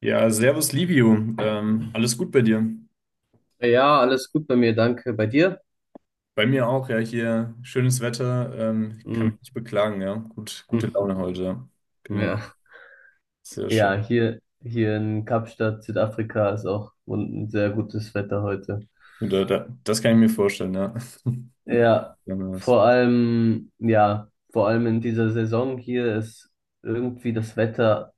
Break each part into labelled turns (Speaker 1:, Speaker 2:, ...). Speaker 1: Ja, servus Livio, alles gut bei dir?
Speaker 2: Ja, alles gut bei mir, danke. Bei dir?
Speaker 1: Bei mir auch, ja, hier schönes Wetter, kann
Speaker 2: Hm.
Speaker 1: mich nicht beklagen, ja, gut, gute Laune heute, ja.
Speaker 2: Mhm.
Speaker 1: Genau,
Speaker 2: Ja.
Speaker 1: sehr
Speaker 2: Ja,
Speaker 1: schön.
Speaker 2: hier in Kapstadt, Südafrika, ist auch ein sehr gutes Wetter heute.
Speaker 1: Und das kann ich mir vorstellen, ja.
Speaker 2: Ja,
Speaker 1: Ja, nice.
Speaker 2: vor allem in dieser Saison hier ist irgendwie das Wetter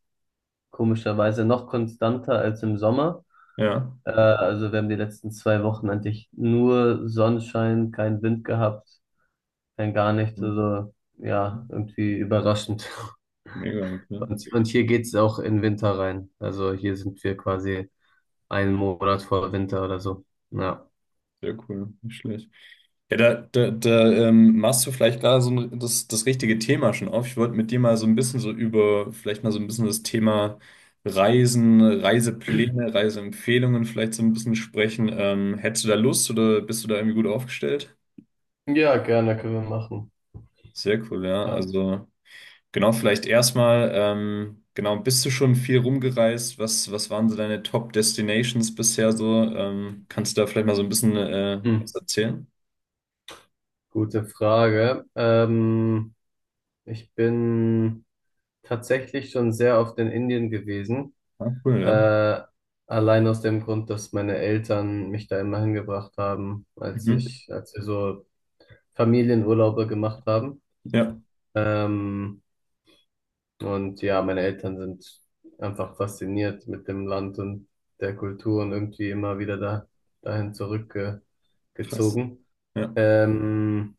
Speaker 2: komischerweise noch konstanter als im Sommer.
Speaker 1: Ja.
Speaker 2: Also wir haben die letzten 2 Wochen eigentlich nur Sonnenschein, keinen Wind gehabt, kein gar nichts. Also ja, irgendwie überraschend.
Speaker 1: Mega, okay.
Speaker 2: Und hier geht's auch in Winter rein. Also hier sind wir quasi einen Monat vor Winter oder so. Ja.
Speaker 1: Sehr cool, nicht schlecht. Ja, da, da, da machst du vielleicht gerade so ein, das richtige Thema schon auf. Ich wollte mit dir mal so ein bisschen so über, vielleicht mal so ein bisschen das Thema Reisen, Reisepläne, Reiseempfehlungen vielleicht so ein bisschen sprechen. Hättest du da Lust oder bist du da irgendwie gut aufgestellt?
Speaker 2: Ja, gerne können wir machen.
Speaker 1: Sehr cool, ja.
Speaker 2: Ja.
Speaker 1: Also genau, vielleicht erstmal, genau, bist du schon viel rumgereist? Was waren so deine Top Destinations bisher so? Kannst du da vielleicht mal so ein bisschen
Speaker 2: Hm.
Speaker 1: was erzählen?
Speaker 2: Gute Frage. Ich bin tatsächlich schon sehr oft in Indien gewesen.
Speaker 1: Ah, cool, ja.
Speaker 2: Äh, Allein aus dem Grund, dass meine Eltern mich da immer hingebracht haben,
Speaker 1: Mhm.
Speaker 2: als wir so Familienurlaube gemacht haben.
Speaker 1: Ja,
Speaker 2: Ähm, Und ja, meine Eltern sind einfach fasziniert mit dem Land und der Kultur und irgendwie immer wieder dahin
Speaker 1: krass.
Speaker 2: zurückgezogen.
Speaker 1: Ja.
Speaker 2: Ähm,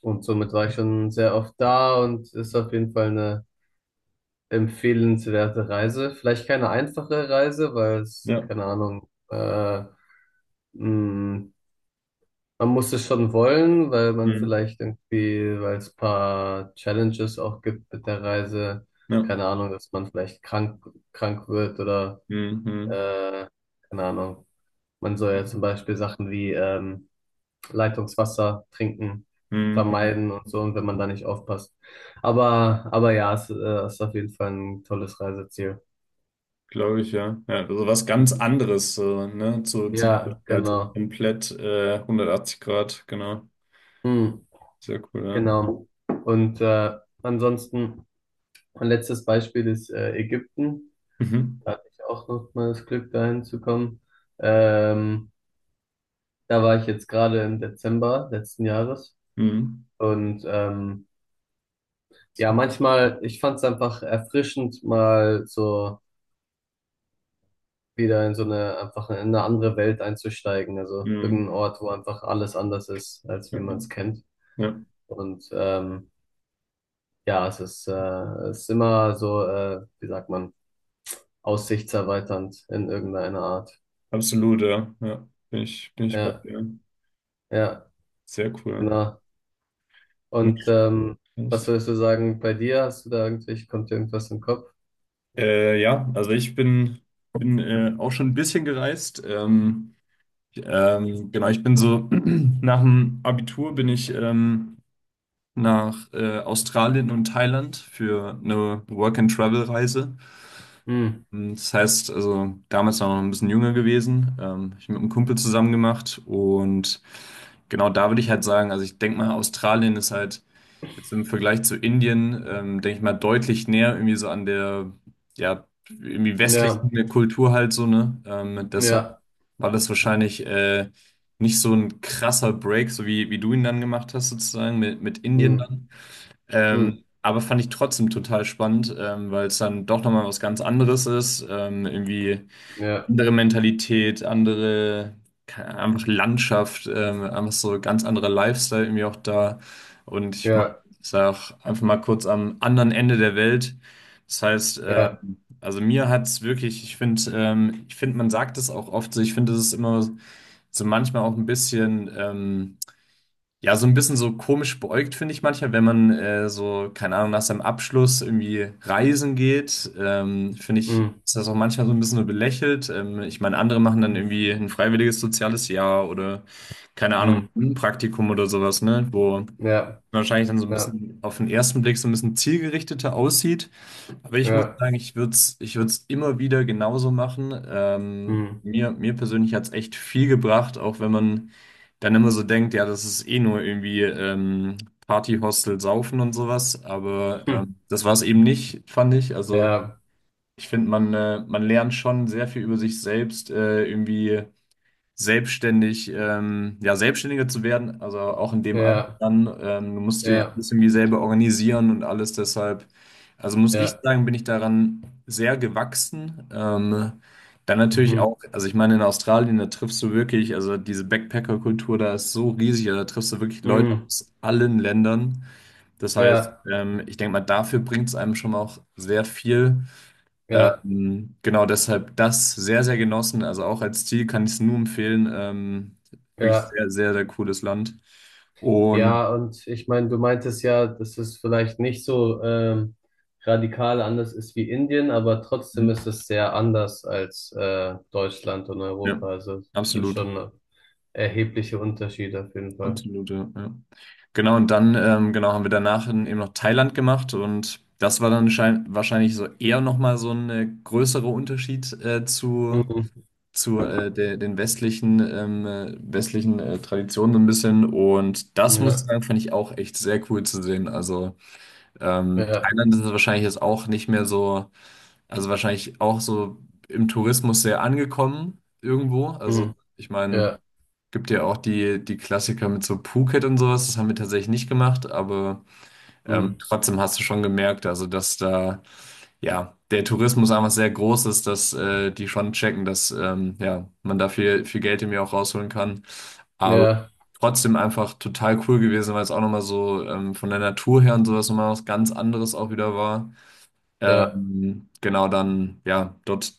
Speaker 2: und somit war ich schon sehr oft da und ist auf jeden Fall eine empfehlenswerte Reise. Vielleicht keine einfache Reise, weil es,
Speaker 1: Ja.
Speaker 2: keine Ahnung, mh, man muss es schon wollen, weil man
Speaker 1: Mhm.
Speaker 2: vielleicht irgendwie, weil es ein paar Challenges auch gibt mit der Reise,
Speaker 1: Ja.
Speaker 2: keine Ahnung, dass man vielleicht krank wird oder
Speaker 1: Mhm. Mhm.
Speaker 2: äh, keine Ahnung. Man soll ja zum Beispiel Sachen wie Leitungswasser trinken,
Speaker 1: Mhm.
Speaker 2: vermeiden und so, und wenn man da nicht aufpasst. Aber ja, es ist auf jeden Fall ein tolles Reiseziel.
Speaker 1: Glaube ich, ja. Ja, also was ganz anderes, so, ne? Zu
Speaker 2: Ja,
Speaker 1: halt
Speaker 2: genau.
Speaker 1: komplett 180 Grad, genau.
Speaker 2: Hm,
Speaker 1: Sehr cool, ja.
Speaker 2: genau. Und ansonsten, mein letztes Beispiel ist Ägypten.
Speaker 1: Mhm.
Speaker 2: Hatte ich auch noch mal das Glück, dahin zu kommen. Ähm, da war ich jetzt gerade im Dezember letzten Jahres.
Speaker 1: Mhm.
Speaker 2: Und ja, manchmal, ich fand es einfach erfrischend, mal so wieder in so eine, einfach in eine andere Welt einzusteigen. Also
Speaker 1: Mhm.
Speaker 2: irgendein Ort, wo einfach alles anders ist, als wie
Speaker 1: Ja, ja.
Speaker 2: man es kennt.
Speaker 1: Ja.
Speaker 2: Und ja, es ist immer so, wie sagt man, aussichtserweiternd in irgendeiner Art.
Speaker 1: Absolut, ja. Ja. Bin ich bei
Speaker 2: Ja,
Speaker 1: dir.
Speaker 2: ja,
Speaker 1: Sehr cool.
Speaker 2: genau. Und
Speaker 1: Nicht
Speaker 2: ähm, was würdest du sagen bei dir? Hast du da irgendwelche, kommt dir irgendwas im Kopf?
Speaker 1: Ja, also ich bin auch schon ein bisschen gereist. Genau, ich bin so nach dem Abitur bin ich nach Australien und Thailand für eine Work-and-Travel-Reise.
Speaker 2: Hm,
Speaker 1: Und das heißt, also damals war ich noch ein bisschen jünger gewesen, hab mit einem Kumpel zusammen gemacht und genau. Da würde ich halt sagen, also ich denke mal, Australien ist halt jetzt im Vergleich zu Indien, denke ich mal, deutlich näher irgendwie so an der, ja, irgendwie
Speaker 2: ja,
Speaker 1: westlichen Kultur halt so, ne? Deshalb
Speaker 2: ja,
Speaker 1: war das wahrscheinlich nicht so ein krasser Break, so wie du ihn dann gemacht hast, sozusagen mit Indien dann.
Speaker 2: hm, hm,
Speaker 1: Aber fand ich trotzdem total spannend, weil es dann doch nochmal was ganz anderes ist. Irgendwie
Speaker 2: ja,
Speaker 1: andere Mentalität, andere, keine Ahnung, einfach Landschaft, einfach so ganz anderer Lifestyle irgendwie auch da. Und ich meine,
Speaker 2: ja,
Speaker 1: ich sag einfach mal, kurz am anderen Ende der Welt. Das heißt,
Speaker 2: ja,
Speaker 1: also mir hat es wirklich, ich finde, man sagt es auch oft so, ich finde, es ist immer so manchmal auch ein bisschen. Ja, so ein bisschen so komisch beäugt finde ich manchmal, wenn man so, keine Ahnung, nach seinem Abschluss irgendwie reisen geht, finde ich,
Speaker 2: hm,
Speaker 1: ist das auch manchmal so ein bisschen nur belächelt. Ich meine, andere machen dann irgendwie ein freiwilliges soziales Jahr oder, keine Ahnung,
Speaker 2: hm,
Speaker 1: ein Praktikum oder sowas, ne, wo
Speaker 2: ja,
Speaker 1: wahrscheinlich dann so ein
Speaker 2: ja,
Speaker 1: bisschen auf den ersten Blick so ein bisschen zielgerichteter aussieht. Aber ich muss
Speaker 2: ja,
Speaker 1: sagen, ich würde es ich würd's immer wieder genauso machen.
Speaker 2: hm,
Speaker 1: Mir persönlich hat es echt viel gebracht, auch wenn man dann immer so denkt, ja, das ist eh nur irgendwie Party-Hostel, Saufen und sowas. Aber
Speaker 2: hm,
Speaker 1: das war es eben nicht, fand ich. Also
Speaker 2: ja,
Speaker 1: ich finde, man lernt schon sehr viel über sich selbst, irgendwie selbstständig, ja, selbstständiger zu werden, also auch in dem Alter
Speaker 2: ja,
Speaker 1: dann. Du musst dir
Speaker 2: ja,
Speaker 1: alles irgendwie selber organisieren und alles, deshalb, also muss ich
Speaker 2: ja,
Speaker 1: sagen, bin ich daran sehr gewachsen. Dann natürlich
Speaker 2: mhm,
Speaker 1: auch, also ich meine, in Australien, da triffst du wirklich, also diese Backpacker-Kultur, da ist so riesig, also da triffst du wirklich Leute
Speaker 2: hm,
Speaker 1: aus allen Ländern. Das heißt,
Speaker 2: ja,
Speaker 1: ich denke mal, dafür bringt es einem schon auch sehr viel.
Speaker 2: ja,
Speaker 1: Genau, deshalb das sehr, sehr genossen. Also auch als Ziel kann ich es nur empfehlen. Wirklich
Speaker 2: ja.
Speaker 1: sehr, sehr, sehr cooles Land. Und
Speaker 2: Ja, und ich meine, du meintest ja, dass es vielleicht nicht so radikal anders ist wie Indien, aber trotzdem
Speaker 1: mhm,
Speaker 2: ist es sehr anders als Deutschland und
Speaker 1: ja,
Speaker 2: Europa. Also das ist
Speaker 1: absolut.
Speaker 2: schon erhebliche Unterschiede auf jeden Fall.
Speaker 1: Absolut, ja. Ja. Genau, und dann genau, haben wir danach in, eben noch Thailand gemacht und das war dann schein wahrscheinlich so eher nochmal so ein größerer Unterschied
Speaker 2: Mhm.
Speaker 1: den westlichen, westlichen Traditionen so ein bisschen. Und das muss ich
Speaker 2: Ja,
Speaker 1: sagen, fand ich auch echt sehr cool zu sehen. Also
Speaker 2: ja,
Speaker 1: Thailand ist wahrscheinlich jetzt auch nicht mehr so, also wahrscheinlich auch so im Tourismus sehr angekommen irgendwo. Also
Speaker 2: mhm.
Speaker 1: ich meine,
Speaker 2: Ja,
Speaker 1: gibt ja auch die Klassiker mit so Phuket und sowas, das haben wir tatsächlich nicht gemacht, aber
Speaker 2: mhm.
Speaker 1: trotzdem hast du schon gemerkt, also dass da ja der Tourismus einfach sehr groß ist, dass die schon checken, dass ja, man da viel, viel Geld irgendwie auch rausholen kann. Aber
Speaker 2: Ja,
Speaker 1: trotzdem einfach total cool gewesen, weil es auch nochmal so von der Natur her und sowas nochmal was ganz anderes auch wieder war.
Speaker 2: ja,
Speaker 1: Genau, dann, ja, dort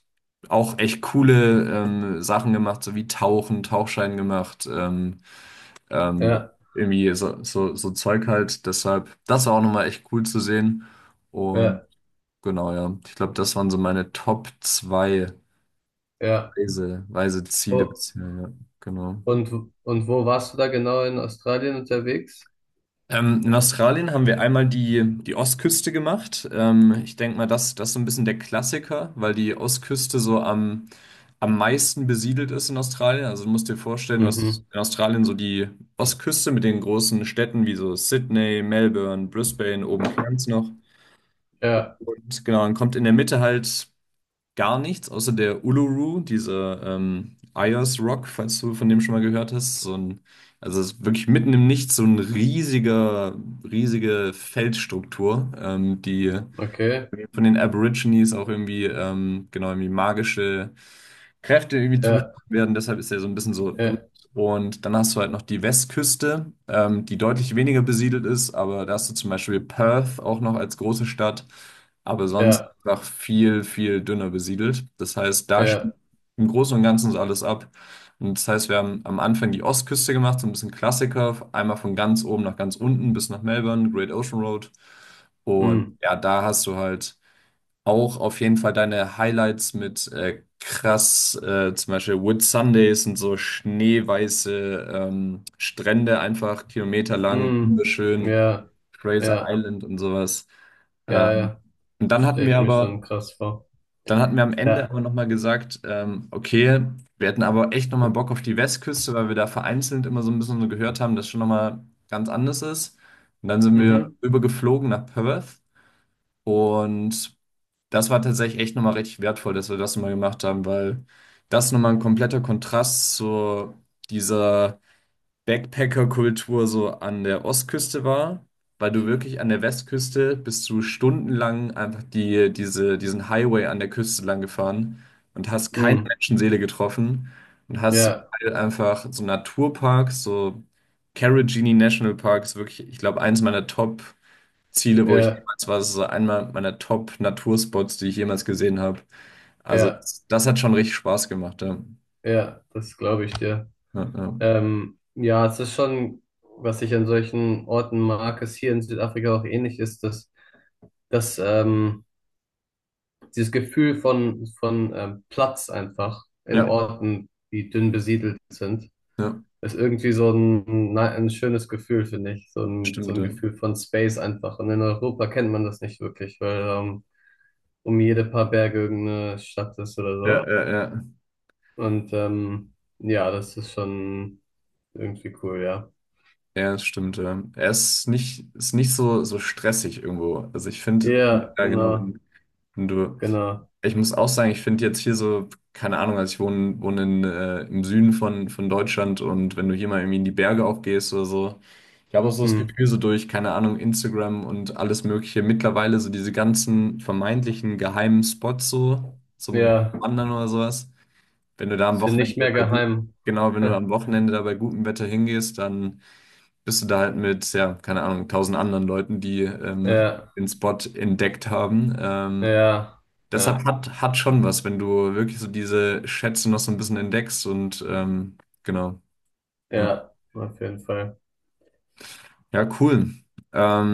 Speaker 1: auch echt coole Sachen gemacht, so wie Tauchen, Tauchschein gemacht, ähm,
Speaker 2: ja,
Speaker 1: irgendwie so Zeug halt. Deshalb, das war auch nochmal echt cool zu sehen. Und
Speaker 2: ja,
Speaker 1: genau, ja, ich glaube, das waren so meine Top 2
Speaker 2: ja.
Speaker 1: Reiseziele
Speaker 2: Oh.
Speaker 1: bisher, ja, genau.
Speaker 2: Und, und wo warst du da genau in Australien unterwegs?
Speaker 1: In Australien haben wir einmal die Ostküste gemacht. Ich denke mal, das ist so ein bisschen der Klassiker, weil die Ostküste so am, am meisten besiedelt ist in Australien. Also du musst dir vorstellen, du hast
Speaker 2: Mhm.
Speaker 1: in Australien so die Ostküste mit den großen Städten wie so Sydney, Melbourne, Brisbane, oben Cairns noch.
Speaker 2: Ja,
Speaker 1: Und genau, dann kommt in der Mitte halt. Gar nichts, außer der Uluru, diese Ayers Rock, falls du von dem schon mal gehört hast. So ein, also es ist wirklich mitten im Nichts so ein riesiger, riesige Felsstruktur, die
Speaker 2: okay.
Speaker 1: von den Aborigines auch irgendwie, genau, irgendwie magische Kräfte irgendwie
Speaker 2: Ja,
Speaker 1: zugesprochen werden. Deshalb ist er so ein bisschen so berühmt.
Speaker 2: ja,
Speaker 1: Und dann hast du halt noch die Westküste, die deutlich weniger besiedelt ist, aber da hast du zum Beispiel Perth auch noch als große Stadt, aber sonst
Speaker 2: ja,
Speaker 1: einfach viel, viel dünner besiedelt. Das heißt, da spielt
Speaker 2: ja.
Speaker 1: im Großen und Ganzen so alles ab. Und das heißt, wir haben am Anfang die Ostküste gemacht, so ein bisschen Klassiker, einmal von ganz oben nach ganz unten bis nach Melbourne, Great Ocean Road. Und
Speaker 2: Mhm.
Speaker 1: ja, da hast du halt auch auf jeden Fall deine Highlights mit krass, zum Beispiel Whit Sundays und so schneeweiße Strände, einfach kilometerlang,
Speaker 2: Hm.
Speaker 1: wunderschön,
Speaker 2: Ja,
Speaker 1: Fraser
Speaker 2: ja,
Speaker 1: Island und sowas.
Speaker 2: ja,
Speaker 1: Ähm,
Speaker 2: ja.
Speaker 1: und
Speaker 2: Das
Speaker 1: dann hatten
Speaker 2: stelle
Speaker 1: wir
Speaker 2: ich mir
Speaker 1: aber,
Speaker 2: schon krass vor.
Speaker 1: dann hatten wir am Ende
Speaker 2: Ja.
Speaker 1: aber nochmal gesagt, okay, wir hätten aber echt nochmal Bock auf die Westküste, weil wir da vereinzelt immer so ein bisschen so gehört haben, dass schon nochmal ganz anders ist. Und dann sind wir
Speaker 2: Mhm.
Speaker 1: übergeflogen nach Perth und das war tatsächlich echt nochmal richtig wertvoll, dass wir das nochmal gemacht haben, weil das nochmal ein kompletter Kontrast zu dieser Backpacker-Kultur so an der Ostküste war, weil du wirklich an der Westküste bist du stundenlang einfach diesen Highway an der Küste lang gefahren und hast keine
Speaker 2: Hm.
Speaker 1: Menschenseele getroffen und hast zum
Speaker 2: Ja,
Speaker 1: Teil einfach so Naturparks, so Carrageenan National Park ist wirklich, ich glaube, eins meiner Top-Ziele, wo ich
Speaker 2: ja,
Speaker 1: jemals war, das ist so einmal meiner Top-Naturspots, die ich jemals gesehen habe. Also
Speaker 2: ja,
Speaker 1: das hat schon richtig Spaß gemacht, ja.
Speaker 2: ja. Das glaube ich dir.
Speaker 1: Ja, ja,
Speaker 2: Ja, es ist schon, was ich an solchen Orten mag, ist hier in Südafrika auch ähnlich ist, dass dieses Gefühl von Platz einfach in
Speaker 1: ja,
Speaker 2: Orten, die dünn besiedelt sind,
Speaker 1: ja,
Speaker 2: ist irgendwie so ein schönes Gefühl, finde ich. So ein, so
Speaker 1: stimmt,
Speaker 2: ein
Speaker 1: ja.
Speaker 2: Gefühl von Space einfach. Und in Europa kennt man das nicht wirklich, weil um jede paar Berge irgendeine Stadt ist oder
Speaker 1: Ja,
Speaker 2: so.
Speaker 1: ja, ja.
Speaker 2: Und ja, das ist schon irgendwie cool, ja.
Speaker 1: Ja, das stimmt. Ja. Er ist nicht so, so stressig irgendwo. Also ich finde,
Speaker 2: Ja,
Speaker 1: ja genau,
Speaker 2: genau,
Speaker 1: wenn, wenn du,
Speaker 2: genau.
Speaker 1: ich muss auch sagen, ich finde jetzt hier so, keine Ahnung, also ich wohne in, im Süden von Deutschland und wenn du hier mal irgendwie in die Berge auch gehst oder so, ich habe auch so das
Speaker 2: Hm.
Speaker 1: Gefühl, so durch, keine Ahnung, Instagram und alles Mögliche, mittlerweile so diese ganzen vermeintlichen geheimen Spots so zum
Speaker 2: Ja,
Speaker 1: Wandern oder sowas, wenn du da am
Speaker 2: sind nicht
Speaker 1: Wochenende
Speaker 2: mehr
Speaker 1: bei gut,
Speaker 2: geheim.
Speaker 1: genau, wenn du am Wochenende da bei gutem Wetter hingehst, dann bist du da halt mit, ja, keine Ahnung, tausend anderen Leuten, die
Speaker 2: Ja,
Speaker 1: den Spot entdeckt haben.
Speaker 2: ja,
Speaker 1: Deshalb
Speaker 2: ja,
Speaker 1: hat schon was, wenn du wirklich so diese Schätze noch so ein bisschen entdeckst und genau. Ja,
Speaker 2: ja, auf jeden Fall.
Speaker 1: ja cool.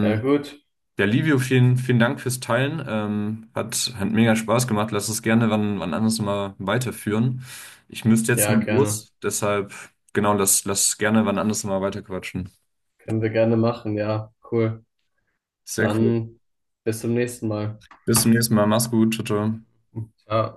Speaker 2: Ja, gut.
Speaker 1: ja, Livio, vielen, vielen Dank fürs Teilen. Hat mega Spaß gemacht. Lass uns gerne wann anders mal weiterführen. Ich müsste jetzt
Speaker 2: Ja,
Speaker 1: nur
Speaker 2: gerne.
Speaker 1: los, deshalb, genau, lass gerne wann anders mal weiterquatschen.
Speaker 2: Können wir gerne machen, ja, cool.
Speaker 1: Sehr cool.
Speaker 2: Dann bis zum nächsten Mal.
Speaker 1: Bis zum nächsten Mal. Mach's gut. Ciao, ciao.
Speaker 2: Ciao.